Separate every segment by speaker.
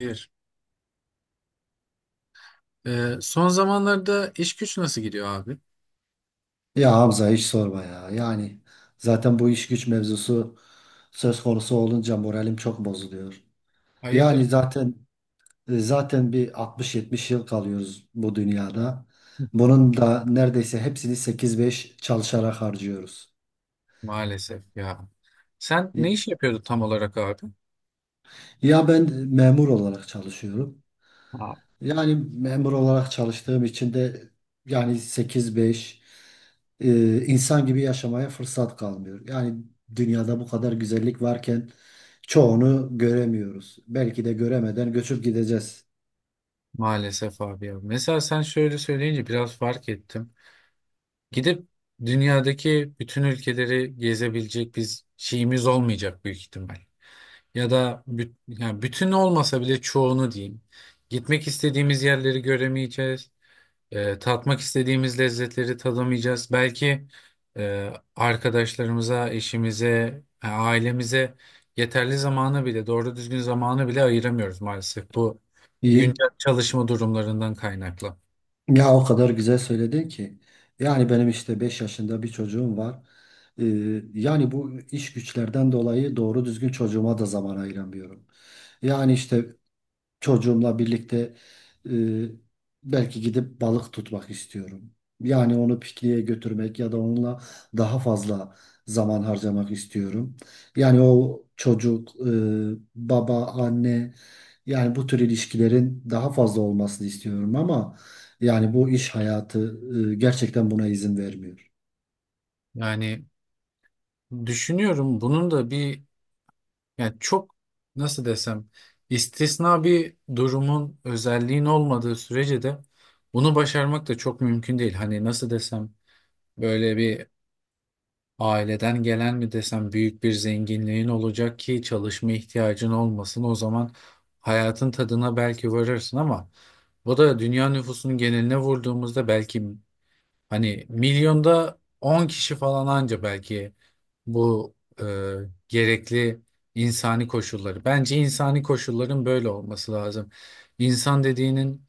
Speaker 1: Bir. Son zamanlarda iş güç nasıl gidiyor abi?
Speaker 2: Ya Hamza hiç sorma ya. Zaten bu iş güç mevzusu söz konusu olunca moralim çok bozuluyor. Yani
Speaker 1: Hayırdır?
Speaker 2: zaten zaten bir 60-70 yıl kalıyoruz bu dünyada. Bunun da neredeyse hepsini 8-5 çalışarak harcıyoruz.
Speaker 1: Maalesef ya. Sen ne iş yapıyordun tam olarak abi?
Speaker 2: Ya ben memur olarak çalışıyorum.
Speaker 1: Aa,
Speaker 2: Yani memur olarak çalıştığım için de yani 8-5 insan gibi yaşamaya fırsat kalmıyor. Yani dünyada bu kadar güzellik varken çoğunu göremiyoruz. Belki de göremeden göçüp gideceğiz.
Speaker 1: maalesef abi ya. Mesela sen şöyle söyleyince biraz fark ettim. Gidip dünyadaki bütün ülkeleri gezebilecek biz şeyimiz olmayacak büyük ihtimal. Ya da yani bütün olmasa bile çoğunu diyeyim. Gitmek istediğimiz yerleri göremeyeceğiz. Tatmak istediğimiz lezzetleri tadamayacağız. Belki arkadaşlarımıza, eşimize, ailemize yeterli zamanı bile, doğru düzgün zamanı bile ayıramıyoruz maalesef. Bu
Speaker 2: İyi.
Speaker 1: güncel çalışma durumlarından kaynaklı.
Speaker 2: Ya o kadar güzel söyledin ki. Yani benim işte 5 yaşında bir çocuğum var. E, Yani bu iş güçlerden dolayı doğru düzgün çocuğuma da zaman ayıramıyorum. Yani işte çocuğumla birlikte e, belki gidip balık tutmak istiyorum. Yani onu pikniğe götürmek ya da onunla daha fazla zaman harcamak istiyorum. Yani o çocuk, baba, anne yani bu tür ilişkilerin daha fazla olmasını istiyorum ama yani bu iş hayatı gerçekten buna izin vermiyor.
Speaker 1: Yani düşünüyorum bunun da bir yani çok nasıl desem istisna bir durumun özelliğin olmadığı sürece de bunu başarmak da çok mümkün değil. Hani nasıl desem böyle bir aileden gelen mi desem büyük bir zenginliğin olacak ki çalışma ihtiyacın olmasın. O zaman hayatın tadına belki varırsın ama bu da dünya nüfusunun geneline vurduğumuzda belki hani milyonda 10 kişi falan anca belki bu e, gerekli insani koşulları. Bence insani koşulların böyle olması lazım. İnsan dediğinin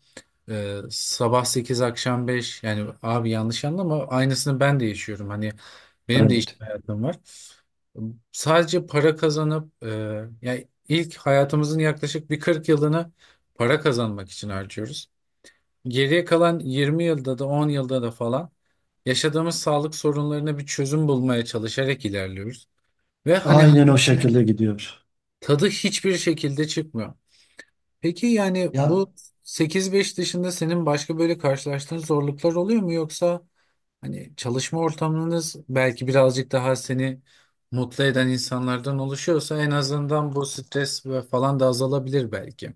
Speaker 1: sabah 8 akşam 5 yani abi yanlış anlama aynısını ben de yaşıyorum. Hani benim de iş
Speaker 2: Evet.
Speaker 1: hayatım var. Sadece para kazanıp yani ilk hayatımızın yaklaşık bir 40 yılını para kazanmak için harcıyoruz. Geriye kalan 20 yılda da 10 yılda da falan yaşadığımız sağlık sorunlarına bir çözüm bulmaya çalışarak ilerliyoruz. Ve hani
Speaker 2: Aynen o şekilde gidiyor.
Speaker 1: tadı hiçbir şekilde çıkmıyor. Peki yani bu
Speaker 2: Ya
Speaker 1: sekiz beş dışında senin başka böyle karşılaştığın zorluklar oluyor mu, yoksa hani çalışma ortamınız belki birazcık daha seni mutlu eden insanlardan oluşuyorsa en azından bu stres ve falan da azalabilir belki.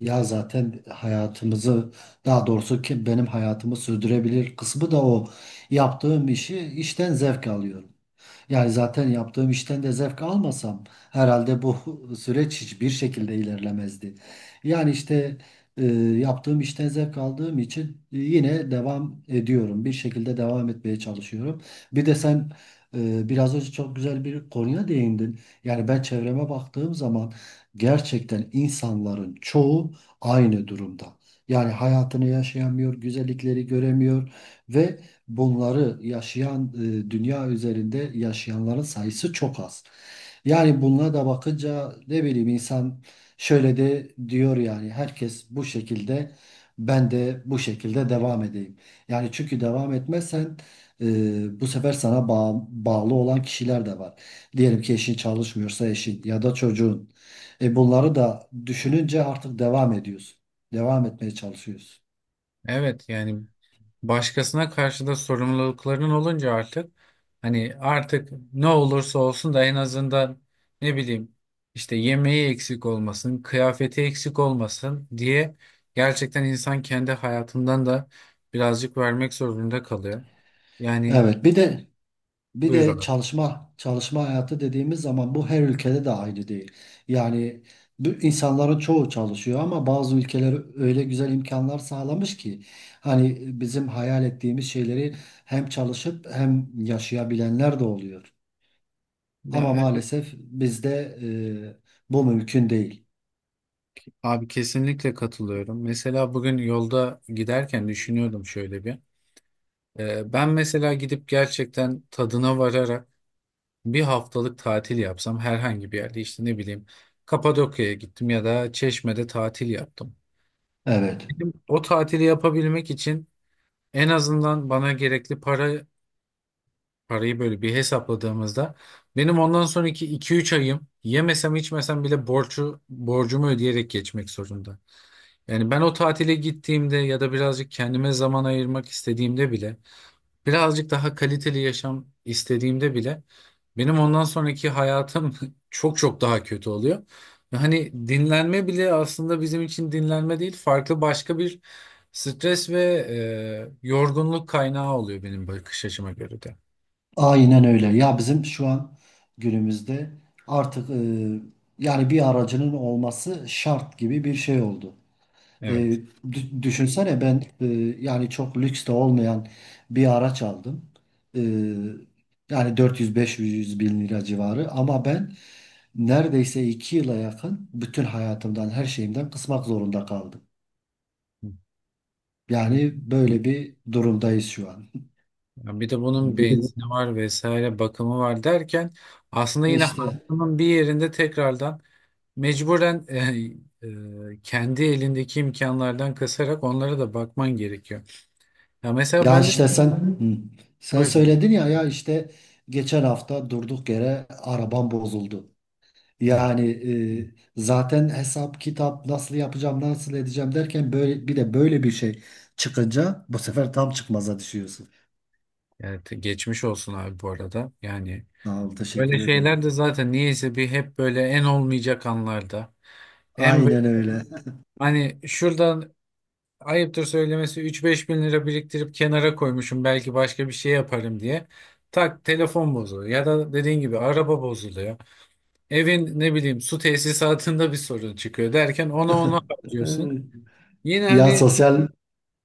Speaker 2: Ya zaten hayatımızı daha doğrusu ki benim hayatımı sürdürebilir kısmı da o yaptığım işi işten zevk alıyorum. Yani zaten yaptığım işten de zevk almasam herhalde bu süreç hiçbir şekilde ilerlemezdi. Yani işte e, yaptığım işten zevk aldığım için yine devam ediyorum. Bir şekilde devam etmeye çalışıyorum. Bir de sen biraz önce çok güzel bir konuya değindin. Yani ben çevreme baktığım zaman gerçekten insanların çoğu aynı durumda. Yani hayatını yaşayamıyor, güzellikleri göremiyor ve bunları yaşayan dünya üzerinde yaşayanların sayısı çok az. Yani bunlara da bakınca ne bileyim insan şöyle de diyor yani herkes bu şekilde ben de bu şekilde devam edeyim. Yani çünkü devam etmezsen bu sefer sana bağlı olan kişiler de var. Diyelim ki eşin çalışmıyorsa eşin ya da çocuğun. Bunları da düşününce artık devam ediyorsun. Devam etmeye çalışıyorsun.
Speaker 1: Evet, yani başkasına karşı da sorumlulukların olunca artık hani artık ne olursa olsun da en azından ne bileyim işte yemeği eksik olmasın, kıyafeti eksik olmasın diye gerçekten insan kendi hayatından da birazcık vermek zorunda kalıyor. Yani
Speaker 2: Evet bir de Bir
Speaker 1: buyur
Speaker 2: de
Speaker 1: abi.
Speaker 2: çalışma çalışma hayatı dediğimiz zaman bu her ülkede de aynı değil. Yani bu insanların çoğu çalışıyor ama bazı ülkeler öyle güzel imkanlar sağlamış ki hani bizim hayal ettiğimiz şeyleri hem çalışıp hem yaşayabilenler de oluyor. Ama
Speaker 1: Ya,
Speaker 2: maalesef bizde bu mümkün değil.
Speaker 1: abi kesinlikle katılıyorum. Mesela bugün yolda giderken düşünüyordum şöyle bir. Ben mesela gidip gerçekten tadına vararak bir haftalık tatil yapsam herhangi bir yerde işte ne bileyim Kapadokya'ya gittim ya da Çeşme'de tatil yaptım.
Speaker 2: Evet.
Speaker 1: Benim o tatili yapabilmek için en azından bana gerekli para parayı böyle bir hesapladığımızda benim ondan sonraki iki üç ayım yemesem içmesem bile borcumu ödeyerek geçmek zorunda. Yani ben o tatile gittiğimde ya da birazcık kendime zaman ayırmak istediğimde bile birazcık daha kaliteli yaşam istediğimde bile benim ondan sonraki hayatım çok çok daha kötü oluyor. Ve hani dinlenme bile aslında bizim için dinlenme değil, farklı başka bir stres ve yorgunluk kaynağı oluyor benim bakış açıma göre de.
Speaker 2: Aynen öyle. Ya bizim şu an günümüzde artık yani bir aracının olması şart gibi bir şey oldu. E,
Speaker 1: Evet.
Speaker 2: Düşünsene ben yani çok lüks de olmayan bir araç aldım. E, Yani 400-500 bin lira civarı ama ben neredeyse 2 yıla yakın bütün hayatımdan her şeyimden kısmak zorunda kaldım. Yani böyle bir durumdayız şu an.
Speaker 1: Ya, bir de bunun benzini var vesaire bakımı var derken aslında yine
Speaker 2: İşte
Speaker 1: hayatının bir yerinde tekrardan mecburen kendi elindeki imkanlardan kasarak onlara da bakman gerekiyor. Ya mesela
Speaker 2: ya
Speaker 1: ben de
Speaker 2: işte sen hı. sen
Speaker 1: buyurun.
Speaker 2: söyledin ya ya işte geçen hafta durduk yere arabam bozuldu.
Speaker 1: Hı.
Speaker 2: Yani zaten hesap kitap nasıl yapacağım nasıl edeceğim derken böyle bir şey çıkınca bu sefer tam çıkmaza düşüyorsun.
Speaker 1: Geçmiş olsun abi bu arada. Yani
Speaker 2: Sağ ol,
Speaker 1: böyle
Speaker 2: teşekkür ederim.
Speaker 1: şeyler de zaten niyeyse bir hep böyle en olmayacak anlarda. En bö-
Speaker 2: Aynen öyle.
Speaker 1: Hani şuradan ayıptır söylemesi üç beş bin lira biriktirip kenara koymuşum belki başka bir şey yaparım diye. Tak telefon bozuluyor ya da dediğin gibi araba bozuluyor. Evin ne bileyim su tesisatında bir sorun çıkıyor derken ona harcıyorsun. Yine
Speaker 2: Ya
Speaker 1: hani
Speaker 2: sosyal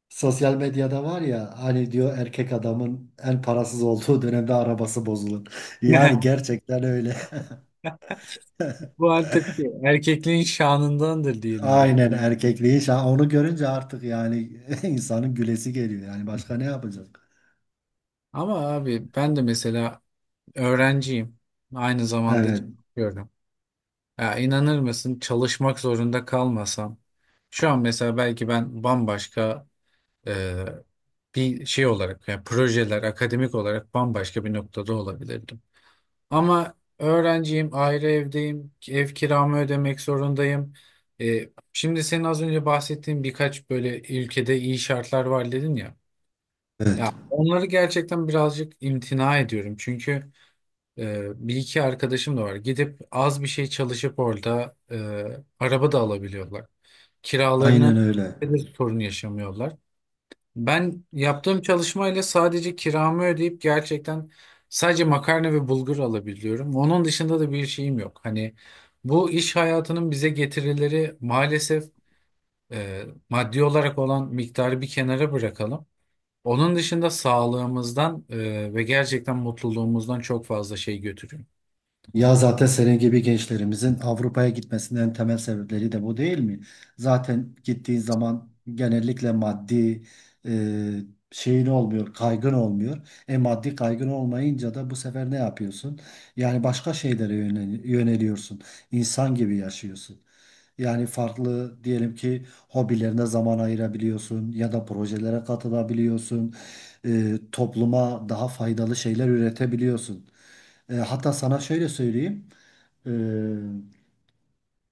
Speaker 2: sosyal medyada var ya hani diyor erkek adamın en parasız olduğu dönemde arabası bozulur. Yani gerçekten öyle.
Speaker 1: bu artık erkekliğin şanındandır diyelim.
Speaker 2: Aynen erkekliği. Onu görünce artık yani insanın gülesi geliyor. Yani başka ne yapacak?
Speaker 1: Ama abi ben de mesela öğrenciyim. Aynı zamanda
Speaker 2: Evet.
Speaker 1: çalışıyorum. Ya inanır mısın, çalışmak zorunda kalmasam şu an mesela belki ben bambaşka e, bir şey olarak yani projeler akademik olarak bambaşka bir noktada olabilirdim. Ama öğrenciyim, ayrı evdeyim, ev kiramı ödemek zorundayım. E, şimdi senin az önce bahsettiğin birkaç böyle ülkede iyi şartlar var dedin ya. Ya
Speaker 2: Evet.
Speaker 1: onları gerçekten birazcık imtina ediyorum. Çünkü bir iki arkadaşım da var. Gidip az bir şey çalışıp orada araba da alabiliyorlar. Kiralarını
Speaker 2: Aynen öyle.
Speaker 1: de sorun yaşamıyorlar. Ben yaptığım çalışmayla sadece kiramı ödeyip gerçekten sadece makarna ve bulgur alabiliyorum. Onun dışında da bir şeyim yok. Hani bu iş hayatının bize getirileri maalesef e, maddi olarak olan miktarı bir kenara bırakalım. Onun dışında sağlığımızdan ve gerçekten mutluluğumuzdan çok fazla şey götürüyor.
Speaker 2: Ya zaten senin gibi gençlerimizin Avrupa'ya gitmesinin en temel sebepleri de bu değil mi? Zaten gittiğin zaman genellikle maddi e, şeyin olmuyor, kaygın olmuyor. E maddi kaygın olmayınca da bu sefer ne yapıyorsun? Yani başka şeylere yöneliyorsun. İnsan gibi yaşıyorsun. Yani farklı diyelim ki hobilerine zaman ayırabiliyorsun ya da projelere katılabiliyorsun. Topluma daha faydalı şeyler üretebiliyorsun. Hatta sana şöyle söyleyeyim. E,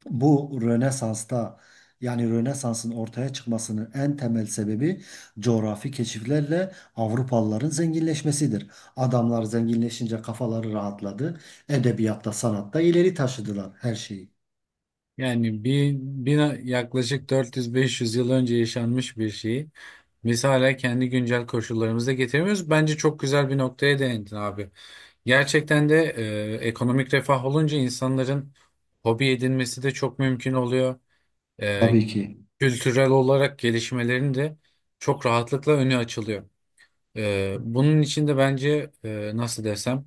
Speaker 2: Bu Rönesans'ta yani Rönesans'ın ortaya çıkmasının en temel sebebi coğrafi keşiflerle Avrupalıların zenginleşmesidir. Adamlar zenginleşince kafaları rahatladı. Edebiyatta, sanatta ileri taşıdılar her şeyi.
Speaker 1: Yani bir, bir yaklaşık 400-500 yıl önce yaşanmış bir şeyi biz hala kendi güncel koşullarımıza getiremiyoruz. Bence çok güzel bir noktaya değindin abi. Gerçekten de ekonomik refah olunca insanların hobi edinmesi de çok mümkün oluyor. E,
Speaker 2: Tabii ki.
Speaker 1: Kültürel olarak gelişmelerin de çok rahatlıkla önü açılıyor. Bunun için de bence nasıl desem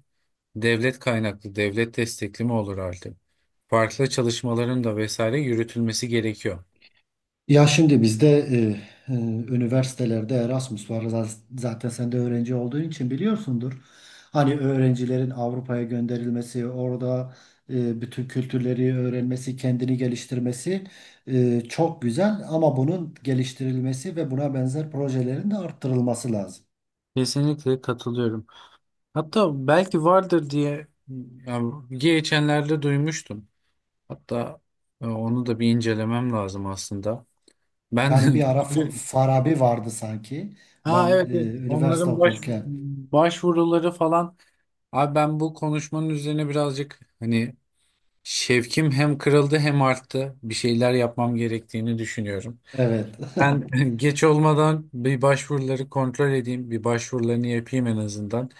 Speaker 1: devlet kaynaklı, devlet destekli mi olur artık? Farklı çalışmaların da vesaire yürütülmesi gerekiyor.
Speaker 2: Ya şimdi bizde e, e, üniversitelerde Erasmus var. Zaten sen de öğrenci olduğun için biliyorsundur. Hani öğrencilerin Avrupa'ya gönderilmesi, orada bütün kültürleri öğrenmesi, kendini geliştirmesi çok güzel. Ama bunun geliştirilmesi ve buna benzer projelerin de arttırılması lazım.
Speaker 1: Kesinlikle katılıyorum. Hatta belki vardır diye yani geçenlerde duymuştum. Hatta onu da bir incelemem lazım aslında. Ben
Speaker 2: Yani bir ara Farabi vardı sanki.
Speaker 1: ha
Speaker 2: Ben
Speaker 1: evet, evet.
Speaker 2: üniversite
Speaker 1: Onların
Speaker 2: okurken.
Speaker 1: başvuruları falan. Abi ben bu konuşmanın üzerine birazcık hani şevkim hem kırıldı hem arttı. Bir şeyler yapmam gerektiğini düşünüyorum.
Speaker 2: Evet.
Speaker 1: Ben geç olmadan bir başvuruları kontrol edeyim. Bir başvurularını yapayım en azından.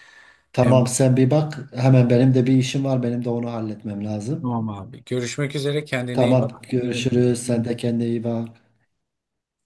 Speaker 1: Hem
Speaker 2: Tamam sen bir bak. Hemen benim de bir işim var. Benim de onu halletmem lazım.
Speaker 1: tamam abi. Görüşmek üzere. Kendine iyi bak.
Speaker 2: Tamam
Speaker 1: İyi bak.
Speaker 2: görüşürüz. Sen de kendine iyi bak.